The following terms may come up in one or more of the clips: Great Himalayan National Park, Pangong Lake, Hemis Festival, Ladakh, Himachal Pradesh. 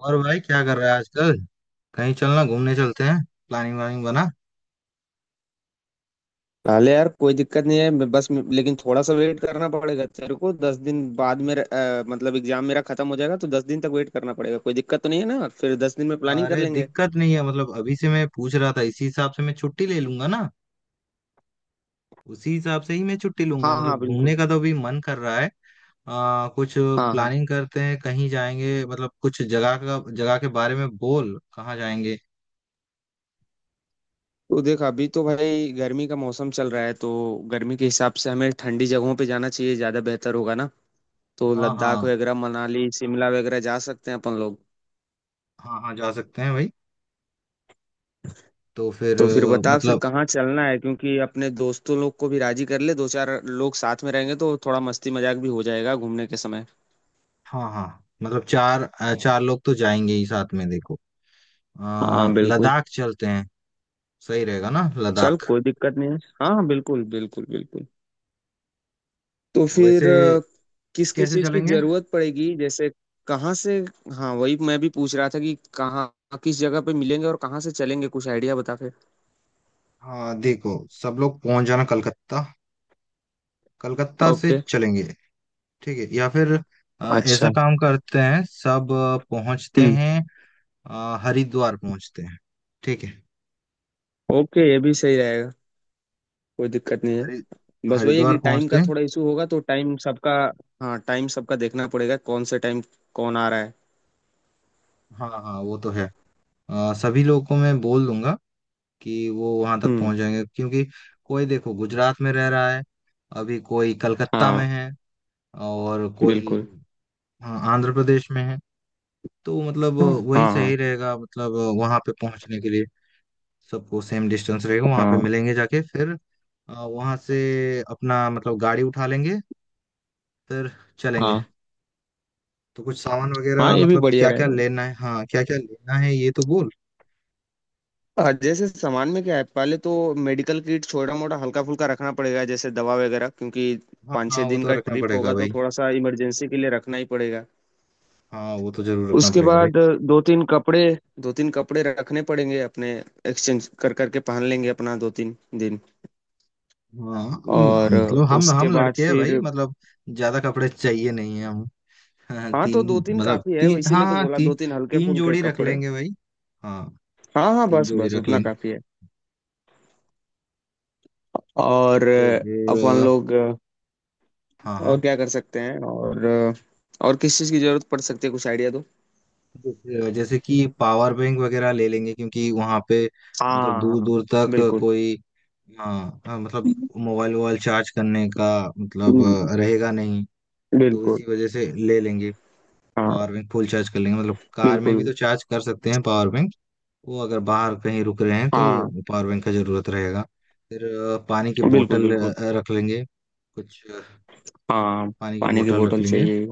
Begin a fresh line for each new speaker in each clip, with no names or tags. और भाई क्या कर रहा है आजकल। कहीं चलना, घूमने चलते हैं। प्लानिंग वानिंग बना।
अरे यार, कोई दिक्कत नहीं है। मैं बस लेकिन थोड़ा सा वेट करना पड़ेगा तेरे को। 10 दिन बाद में मतलब एग्जाम मेरा खत्म हो जाएगा तो 10 दिन तक वेट करना पड़ेगा। कोई दिक्कत तो नहीं है ना? फिर 10 दिन में प्लानिंग कर
अरे
लेंगे।
दिक्कत नहीं है, मतलब अभी से मैं पूछ रहा था, इसी हिसाब से मैं छुट्टी ले लूंगा ना। उसी हिसाब से ही मैं छुट्टी लूंगा,
हाँ हाँ
मतलब घूमने
बिल्कुल।
का तो अभी मन कर रहा है। कुछ
हाँ हाँ।
प्लानिंग करते हैं, कहीं जाएंगे, मतलब कुछ जगह का, जगह के बारे में बोल, कहाँ जाएंगे।
तो देख, अभी तो भाई गर्मी का मौसम चल रहा है तो गर्मी के हिसाब से हमें ठंडी जगहों पे जाना चाहिए, ज्यादा बेहतर होगा ना। तो
हाँ
लद्दाख
हाँ।
वगैरह, मनाली, शिमला वगैरह जा सकते हैं अपन लोग।
हाँ हाँ, जा सकते हैं भाई। तो फिर
तो फिर बता, फिर
मतलब,
कहाँ चलना है? क्योंकि अपने दोस्तों लोग को भी राजी कर ले, दो चार लोग साथ में रहेंगे तो थोड़ा मस्ती मजाक भी हो जाएगा घूमने के समय।
हाँ हाँ मतलब चार चार लोग तो जाएंगे ही साथ में। देखो,
हाँ बिल्कुल।
लद्दाख चलते हैं। सही रहेगा ना
चल,
लद्दाख।
कोई दिक्कत नहीं है। हाँ हाँ बिल्कुल बिल्कुल बिल्कुल। तो फिर
वैसे
किस किस
कैसे
चीज की
चलेंगे।
जरूरत पड़ेगी, जैसे कहाँ से? हाँ, वही मैं भी पूछ रहा था कि कहाँ किस जगह पे मिलेंगे और कहाँ से चलेंगे। कुछ आइडिया बता फिर।
हाँ देखो, सब लोग पहुंच जाना कलकत्ता। कलकत्ता से
ओके।
चलेंगे। ठीक है, या फिर ऐसा
अच्छा।
काम करते हैं, सब पहुंचते
हम्म।
हैं, हरिद्वार पहुंचते हैं। ठीक है।
ओके, ये भी सही रहेगा। कोई दिक्कत नहीं है।
हरि
बस वही है
हरिद्वार
कि टाइम
पहुंचते
का
हैं।
थोड़ा इशू होगा तो टाइम सबका। हाँ, टाइम सबका देखना पड़ेगा, कौन से टाइम कौन आ रहा है।
हाँ हाँ वो तो है। सभी लोगों को मैं बोल दूंगा कि वो वहां तक
हम्म।
पहुंच जाएंगे, क्योंकि कोई देखो गुजरात में रह रहा है, अभी कोई कलकत्ता
हाँ
में है, और
बिल्कुल।
कोई, हाँ, आंध्र प्रदेश में है। तो मतलब
हाँ
वही
हाँ हाँ।
सही रहेगा, मतलब वहां पे पहुंचने के लिए सबको सेम डिस्टेंस रहेगा। वहां पे
हाँ
मिलेंगे, जाके फिर वहां से अपना मतलब गाड़ी उठा लेंगे, फिर चलेंगे।
हाँ,
तो कुछ सामान
हाँ,
वगैरह
ये भी
मतलब
बढ़िया
क्या क्या
रहेगा।
लेना है, हाँ क्या क्या लेना है ये तो बोल।
जैसे सामान में क्या है, पहले तो मेडिकल किट छोटा मोटा हल्का फुल्का रखना पड़ेगा, जैसे दवा वगैरह, क्योंकि
हाँ
पाँच
हाँ
छः
वो
दिन
तो
का
रखना
ट्रिप
पड़ेगा
होगा तो
भाई।
थोड़ा सा इमरजेंसी के लिए रखना ही पड़ेगा।
हाँ वो तो जरूर रखना
उसके
पड़ेगा भाई।
बाद दो तीन कपड़े, दो तीन कपड़े रखने पड़ेंगे अपने। एक्सचेंज कर करके पहन लेंगे अपना 2-3 दिन।
हाँ।
और
मतलब हम
उसके
हम
बाद
लड़के हैं भाई,
फिर
मतलब ज्यादा कपड़े चाहिए नहीं है हम। हाँ,
हाँ, तो दो
तीन
तीन
मतलब
काफी है, वो
तीन, हाँ
इसीलिए तो
हाँ
बोला, दो तीन हल्के
तीन
फुल्के
जोड़ी रख
कपड़े।
लेंगे भाई। हाँ,
हाँ हाँ
तीन
बस
जोड़ी
बस
रख
उतना
लेंगे।
काफी है। और
फिर
अपन लोग
हाँ हाँ।
और क्या कर सकते हैं? और किस चीज की जरूरत पड़ सकती है? कुछ आइडिया दो।
तो फिर, जैसे कि पावर बैंक वगैरह ले लेंगे, क्योंकि वहां पे मतलब
हाँ
दूर
हाँ
दूर तक
बिल्कुल।
कोई, हाँ हाँ, मतलब मोबाइल वोबाइल चार्ज करने का मतलब
हम्म,
रहेगा नहीं, तो
बिल्कुल।
इसी वजह से ले लेंगे।
हाँ
पावर बैंक फुल चार्ज कर लेंगे, मतलब कार में भी
बिल्कुल।
तो चार्ज कर सकते हैं पावर बैंक। वो अगर बाहर कहीं रुक रहे हैं तो
हाँ
पावर बैंक का जरूरत रहेगा। फिर पानी की
बिल्कुल
बोतल
बिल्कुल।
रख लेंगे, कुछ
हाँ,
पानी की
पानी की
बोतल रख
बोतल
लेंगे।
चाहिए।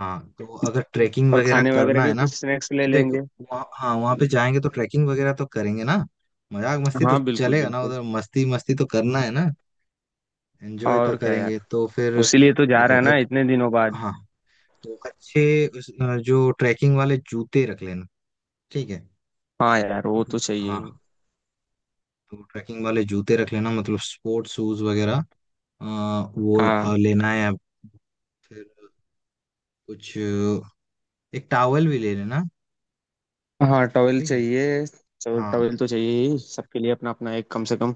हाँ तो अगर ट्रैकिंग
और
वगैरह
खाने वगैरह
करना
के
है ना।
कुछ स्नैक्स ले
देख
लेंगे।
वहाँ, हाँ वहाँ पे जाएंगे तो ट्रैकिंग वगैरह तो करेंगे ना। मजाक मस्ती तो
हाँ बिल्कुल
चलेगा ना
बिल्कुल।
उधर, मस्ती मस्ती तो करना है ना। एंजॉय तो
और क्या यार,
करेंगे तो फिर।
उसी लिए तो जा रहा
देखो
है ना,
एक,
इतने दिनों बाद।
हाँ, तो अच्छे उस- जो ट्रैकिंग वाले जूते रख लेना। ठीक है।
हाँ यार, वो तो चाहिए ही।
हाँ, तो ट्रैकिंग वाले जूते रख लेना, मतलब स्पोर्ट्स शूज वगैरह, अ, वो
हाँ।
लेना है। फिर कुछ एक टावल भी ले लेना।
हाँ, टॉवेल
ठीक है।
चाहिए। तो
हाँ
टॉवेल तो चाहिए ही सबके लिए, अपना अपना एक कम से कम।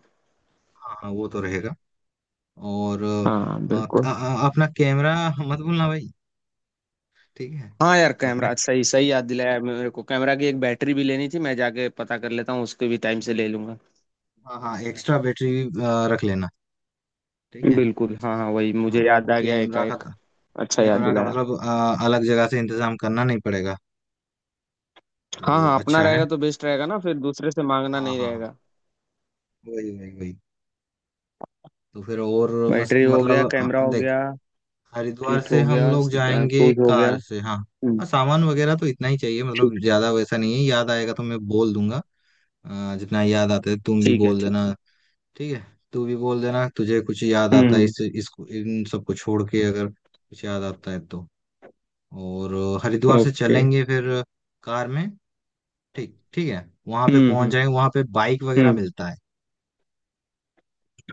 हाँ, हाँ वो तो रहेगा। और
हाँ
अ,
बिल्कुल।
अपना कैमरा मत भूलना भाई। ठीक है।
हाँ यार,
अपना,
कैमरा सही सही याद दिलाया मेरे को। कैमरा की एक बैटरी भी लेनी थी, मैं जाके पता कर लेता हूँ उसके भी, टाइम से ले लूंगा।
हाँ हाँ एक्स्ट्रा बैटरी रख लेना। ठीक है।
बिल्कुल। हाँ हाँ, वही
हाँ,
मुझे याद आ गया
कैमरा का।
एकाएक। अच्छा याद
कैमरा का
दिलाया।
मतलब अलग जगह से इंतजाम करना नहीं पड़ेगा, तो
हाँ
वो
हाँ, अपना
अच्छा है।
रहेगा तो बेस्ट रहेगा ना, फिर दूसरे से मांगना
हाँ
नहीं
हाँ हाँ।
रहेगा।
वही वही वही। तो फिर और,
बैटरी हो गया,
मतलब
कैमरा हो
देख,
गया,
हरिद्वार
किट
से
हो
हम
गया,
लोग जाएंगे
शूज हो गया।
कार से, हाँ।
हम्म।
हाँ, सामान वगैरह तो इतना ही चाहिए, मतलब
ठीक।
ज्यादा वैसा नहीं है, याद आएगा तो मैं बोल दूंगा। जितना याद आता है तुम भी
ठीक है।
बोल
ठीक
देना।
है।
ठीक है। तू भी बोल देना, तुझे कुछ याद आता है
हम्म।
इस, इसको, इन सबको छोड़ के अगर कुछ याद आता है तो। और, हरिद्वार से
ओके।
चलेंगे फिर कार में। ठीक, ठीक है। वहां पे पहुंच
हम्म।
जाएंगे, वहां पे बाइक वगैरह
हम्म।
मिलता है।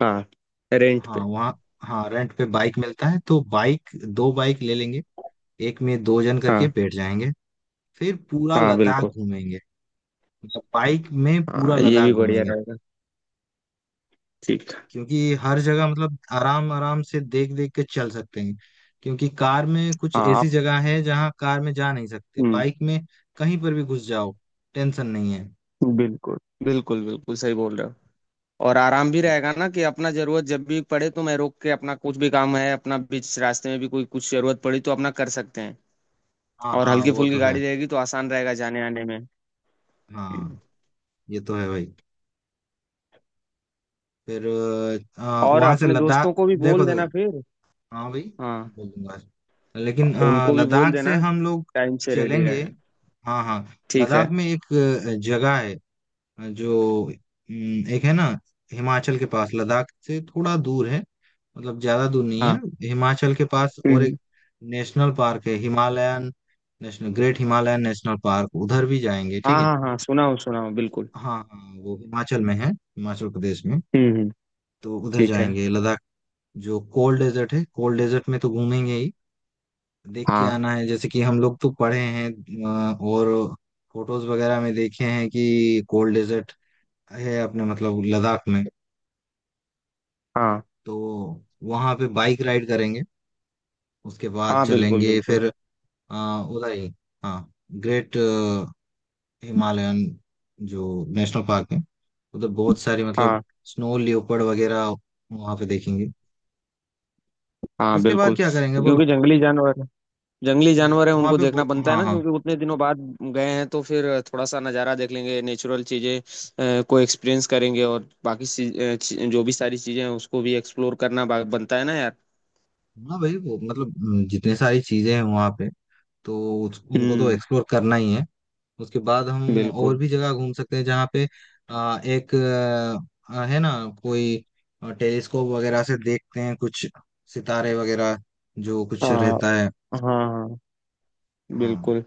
हाँ, रेंट
हाँ
पे।
वहाँ, हाँ रेंट पे बाइक मिलता है, तो बाइक दो बाइक ले लेंगे। एक में दो जन करके
हाँ।
बैठ जाएंगे, फिर पूरा
हाँ
लद्दाख
बिल्कुल।
घूमेंगे, मतलब बाइक में
हाँ,
पूरा
ये
लद्दाख
भी बढ़िया
घूमेंगे।
रहेगा। ठीक है।
क्योंकि हर जगह मतलब आराम आराम से देख देख के चल सकते हैं, क्योंकि कार में कुछ
हाँ
ऐसी
आप।
जगह है जहाँ कार में जा नहीं सकते,
हम्म,
बाइक में कहीं पर भी घुस जाओ, टेंशन नहीं है।
बिल्कुल। बिल्कुल बिल्कुल, सही बोल रहे हो। और आराम भी रहेगा ना, कि अपना जरूरत जब भी पड़े तो मैं रोक के अपना, कुछ भी काम है अपना, बीच रास्ते में भी कोई कुछ जरूरत पड़ी तो अपना कर सकते हैं।
हाँ
और
हाँ
हल्की
वो
फुल्की
तो है।
गाड़ी रहेगी तो आसान रहेगा जाने आने में।
हाँ ये तो है भाई। फिर
और
वहां से
अपने
लद्दाख।
दोस्तों को भी
देखो
बोल
देखो,
देना फिर।
हाँ भाई,
हाँ।
बोलूंगा। लेकिन
उनको भी बोल
लद्दाख से
देना,
हम लोग
टाइम से रेडी
चलेंगे।
रहे।
हाँ हाँ।
ठीक
लद्दाख
है।
में एक जगह है, जो एक है ना, हिमाचल के पास, लद्दाख से थोड़ा दूर है, मतलब ज्यादा दूर नहीं है।
हाँ।
हिमाचल के पास, और
हम्म।
एक नेशनल पार्क है, Himalayan national, great Himalayan national park, उधर भी जाएंगे, ठीक
हाँ
है।
हाँ हाँ, सुनाओ सुनाओ, बिल्कुल।
हाँ हाँ वो हिमाचल में है, हिमाचल प्रदेश में।
हम्म।
तो उधर
ठीक है।
जाएंगे, लद्दाख जो कोल्ड डेजर्ट है, कोल्ड डेजर्ट में तो घूमेंगे ही, देख के
हाँ
आना है, जैसे कि हम लोग तो पढ़े हैं और फोटोज वगैरह में देखे हैं कि कोल्ड डेजर्ट है अपने मतलब लद्दाख में।
हाँ
तो वहां पे बाइक राइड करेंगे, उसके बाद
हाँ बिल्कुल
चलेंगे
बिल्कुल।
फिर अ, उधर ही, हाँ, ग्रेट हिमालयन जो नेशनल पार्क है, उधर बहुत सारी मतलब
हाँ
स्नो लियोपर्ड वगैरह वहां पे देखेंगे।
हाँ
उसके बाद
बिल्कुल,
क्या करेंगे बोलो।
क्योंकि जंगली जानवर, जंगली
देख
जानवर है,
वहां
उनको
पे
देखना बनता है
हाँ
ना,
हाँ,
क्योंकि उतने दिनों बाद गए हैं तो फिर थोड़ा सा नज़ारा देख लेंगे, नेचुरल चीज़ें को एक्सपीरियंस करेंगे, और बाकी जो भी सारी चीज़ें हैं उसको भी एक्सप्लोर करना बनता है ना यार।
हाँ भाई वो मतलब जितने सारी चीजें हैं वहां पे तो उनको तो
हम्म।
एक्सप्लोर करना ही है। उसके बाद हम और
बिल्कुल।
भी जगह घूम सकते हैं, जहाँ पे एक, है ना कोई, टेलीस्कोप वगैरह से देखते हैं कुछ सितारे वगैरह जो कुछ
हाँ
रहता है।
हाँ हाँ।
हाँ,
बिल्कुल।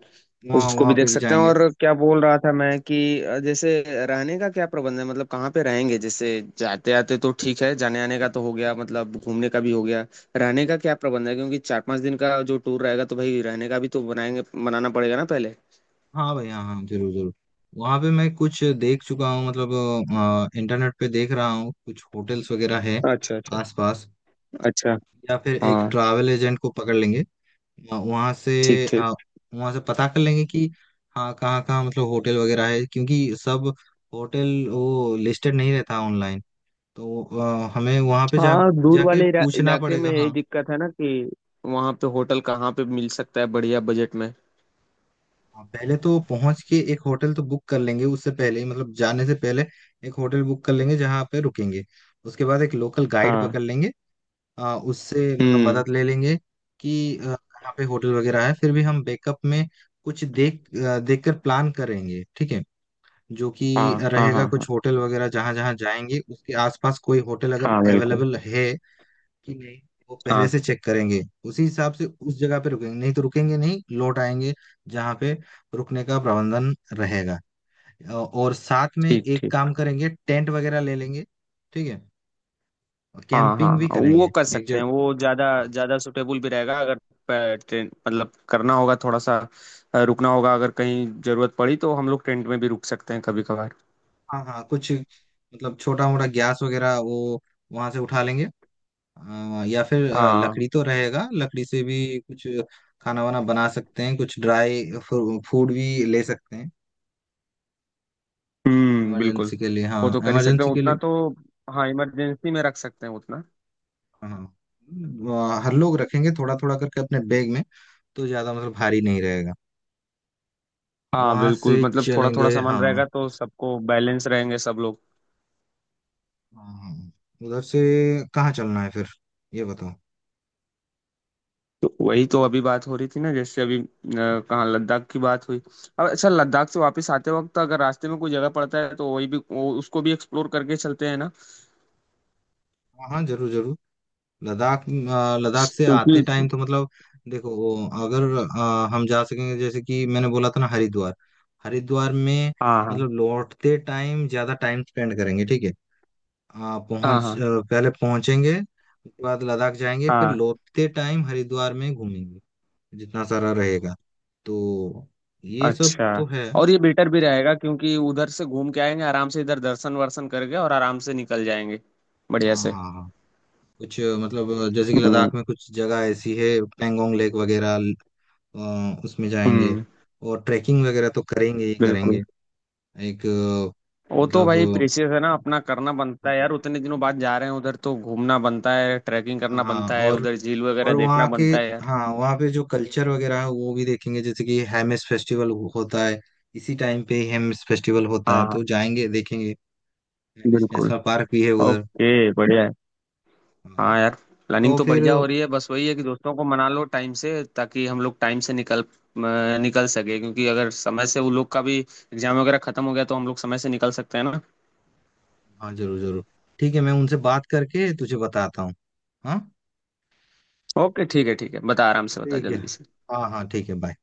वहाँ
उसको
वहाँ
भी
पे
देख
भी
सकते हैं।
जाएंगे।
और क्या बोल रहा था मैं, कि जैसे रहने का क्या प्रबंध है, मतलब कहाँ पे रहेंगे, जैसे? जाते आते तो ठीक है, जाने आने का तो हो गया, मतलब घूमने का भी हो गया। रहने का क्या प्रबंध है, क्योंकि 4-5 दिन का जो टूर रहेगा तो भाई रहने का भी तो बनाएंगे, बनाना पड़ेगा ना पहले।
हाँ भाई, हाँ हाँ जरूर जरूर। वहाँ पे मैं कुछ देख चुका हूँ, मतलब इंटरनेट पे देख रहा हूँ, कुछ होटल्स वगैरह है
अच्छा अच्छा।
आसपास,
अच्छा।
या फिर एक
हाँ।
ट्रैवल एजेंट को पकड़ लेंगे वहां से।
ठीक ठीक।
आ, वहां से पता कर लेंगे कि हाँ कहाँ कहाँ मतलब होटल वगैरह है, क्योंकि सब होटल वो लिस्टेड नहीं रहता ऑनलाइन। तो हमें वहां पे जा
हाँ, दूर
जाके
वाले
पूछना
इलाके में
पड़ेगा,
यही
हाँ।
दिक्कत है ना, कि वहाँ पे होटल कहाँ पे मिल सकता है बढ़िया बजट में।
हाँ, पहले तो पहुंच के एक होटल तो बुक कर लेंगे, उससे पहले ही मतलब जाने से पहले एक होटल बुक कर लेंगे जहाँ पे रुकेंगे। उसके बाद एक लोकल गाइड
हाँ।
पकड़ लेंगे, उससे मतलब
हम्म।
मदद ले लेंगे कि कहाँ पे होटल वगैरह है। फिर भी हम बैकअप में कुछ देखकर प्लान करेंगे, ठीक है। जो कि
हाँ हाँ
रहेगा
हाँ। हाँ।
कुछ होटल वगैरह, जहां जहां जाएंगे उसके आसपास कोई होटल अगर
हाँ बिल्कुल।
अवेलेबल है कि नहीं, वो पहले
हाँ।
से चेक करेंगे। उसी हिसाब से उस जगह पे रुकेंगे, नहीं तो रुकेंगे नहीं, लौट आएंगे जहां पे रुकने का प्रबंधन रहेगा। और साथ में
ठीक
एक
ठीक।
काम करेंगे, टेंट वगैरह ले लेंगे, ठीक है, और
हाँ हाँ
कैंपिंग भी
हाँ, वो
करेंगे
कर
एक
सकते
जगह।
हैं, वो ज्यादा ज्यादा सुटेबल भी रहेगा, अगर ट्रेन मतलब करना होगा थोड़ा सा, रुकना होगा। अगर कहीं जरूरत पड़ी तो हम लोग टेंट में भी रुक सकते हैं, कभी कभार।
हाँ हाँ कुछ मतलब छोटा मोटा गैस वगैरह वो वहां से उठा लेंगे। हाँ, या फिर
हाँ।
लकड़ी तो रहेगा, लकड़ी से भी कुछ खाना वाना बना सकते हैं, कुछ ड्राई फूड भी ले सकते हैं
बिल्कुल।
इमरजेंसी के लिए, हाँ
वो तो कर ही सकते
इमरजेंसी
हैं
के
उतना
लिए।
तो। हाँ, इमरजेंसी में रख सकते हैं उतना।
हाँ वहाँ हर लोग रखेंगे थोड़ा थोड़ा करके अपने बैग में, तो ज्यादा मतलब भारी नहीं रहेगा।
हाँ
वहां
बिल्कुल,
से
मतलब थोड़ा थोड़ा
चलेंगे,
सामान
हाँ,
रहेगा तो सबको बैलेंस रहेंगे सब लोग।
हाँ, हाँ, उधर से कहाँ चलना है फिर, ये बताओ।
तो वही तो अभी बात हो रही थी ना, जैसे अभी कहाँ लद्दाख की बात हुई। अब अच्छा, लद्दाख से वापस आते वक्त अगर रास्ते में कोई जगह पड़ता है तो उसको भी एक्सप्लोर करके चलते हैं ना,
हाँ हाँ जरूर जरूर। लद्दाख लद्दाख से
क्योंकि।
आते टाइम तो मतलब देखो वो अगर हम जा सकेंगे, जैसे कि मैंने बोला था ना हरिद्वार, हरिद्वार में
हाँ हाँ
मतलब लौटते टाइम ज्यादा टाइम स्पेंड करेंगे, ठीक है। अ,
हाँ
पहुंच
हाँ
अ, पहले पहुंचेंगे, उसके बाद लद्दाख जाएंगे, फिर
हाँ।
लौटते टाइम हरिद्वार में घूमेंगे, जितना सारा रहेगा। तो ये सब
अच्छा,
तो है।
और ये बेटर भी रहेगा क्योंकि उधर से घूम के आएंगे आराम से, इधर दर्शन वर्शन करके और आराम से निकल जाएंगे बढ़िया
हाँ
से।
हाँ हाँ। कुछ मतलब जैसे कि
हम्म।
लद्दाख में कुछ जगह ऐसी है, पेंगोंग लेक वगैरह, उसमें जाएंगे,
हम्म,
और ट्रैकिंग वगैरह तो करेंगे ही
बिल्कुल।
करेंगे। एक
वो तो
मतलब
भाई
अ,
प्रेशियस है ना, अपना करना बनता है यार, उतने दिनों बाद जा रहे हैं उधर तो घूमना बनता है, ट्रैकिंग
हाँ
करना
हाँ,
बनता है, उधर झील वगैरह
और
देखना
वहाँ के,
बनता है यार।
हाँ वहाँ पे जो कल्चर वगैरह है वो भी देखेंगे, जैसे कि हेमिस फेस्टिवल होता है, इसी टाइम पे हेमिस फेस्टिवल होता
हाँ
है तो
हाँ
जाएंगे देखेंगे। हेमिस
बिल्कुल।
नेशनल पार्क भी है उधर।
ओके, बढ़िया है।
हाँ।
हाँ यार, प्लानिंग
तो
तो
फिर,
बढ़िया हो रही है, बस वही है कि दोस्तों को मना लो टाइम से, ताकि हम लोग टाइम से निकल सके, क्योंकि अगर समय से वो लोग का भी एग्जाम वगैरह खत्म हो गया तो हम लोग समय से निकल सकते हैं ना।
हाँ जरूर जरूर। ठीक है, मैं उनसे बात करके तुझे बताता हूँ। हाँ।
ओके ठीक है ठीक है, बता, आराम से बता,
ठीक है,
जल्दी से।
हाँ हाँ ठीक है, बाय।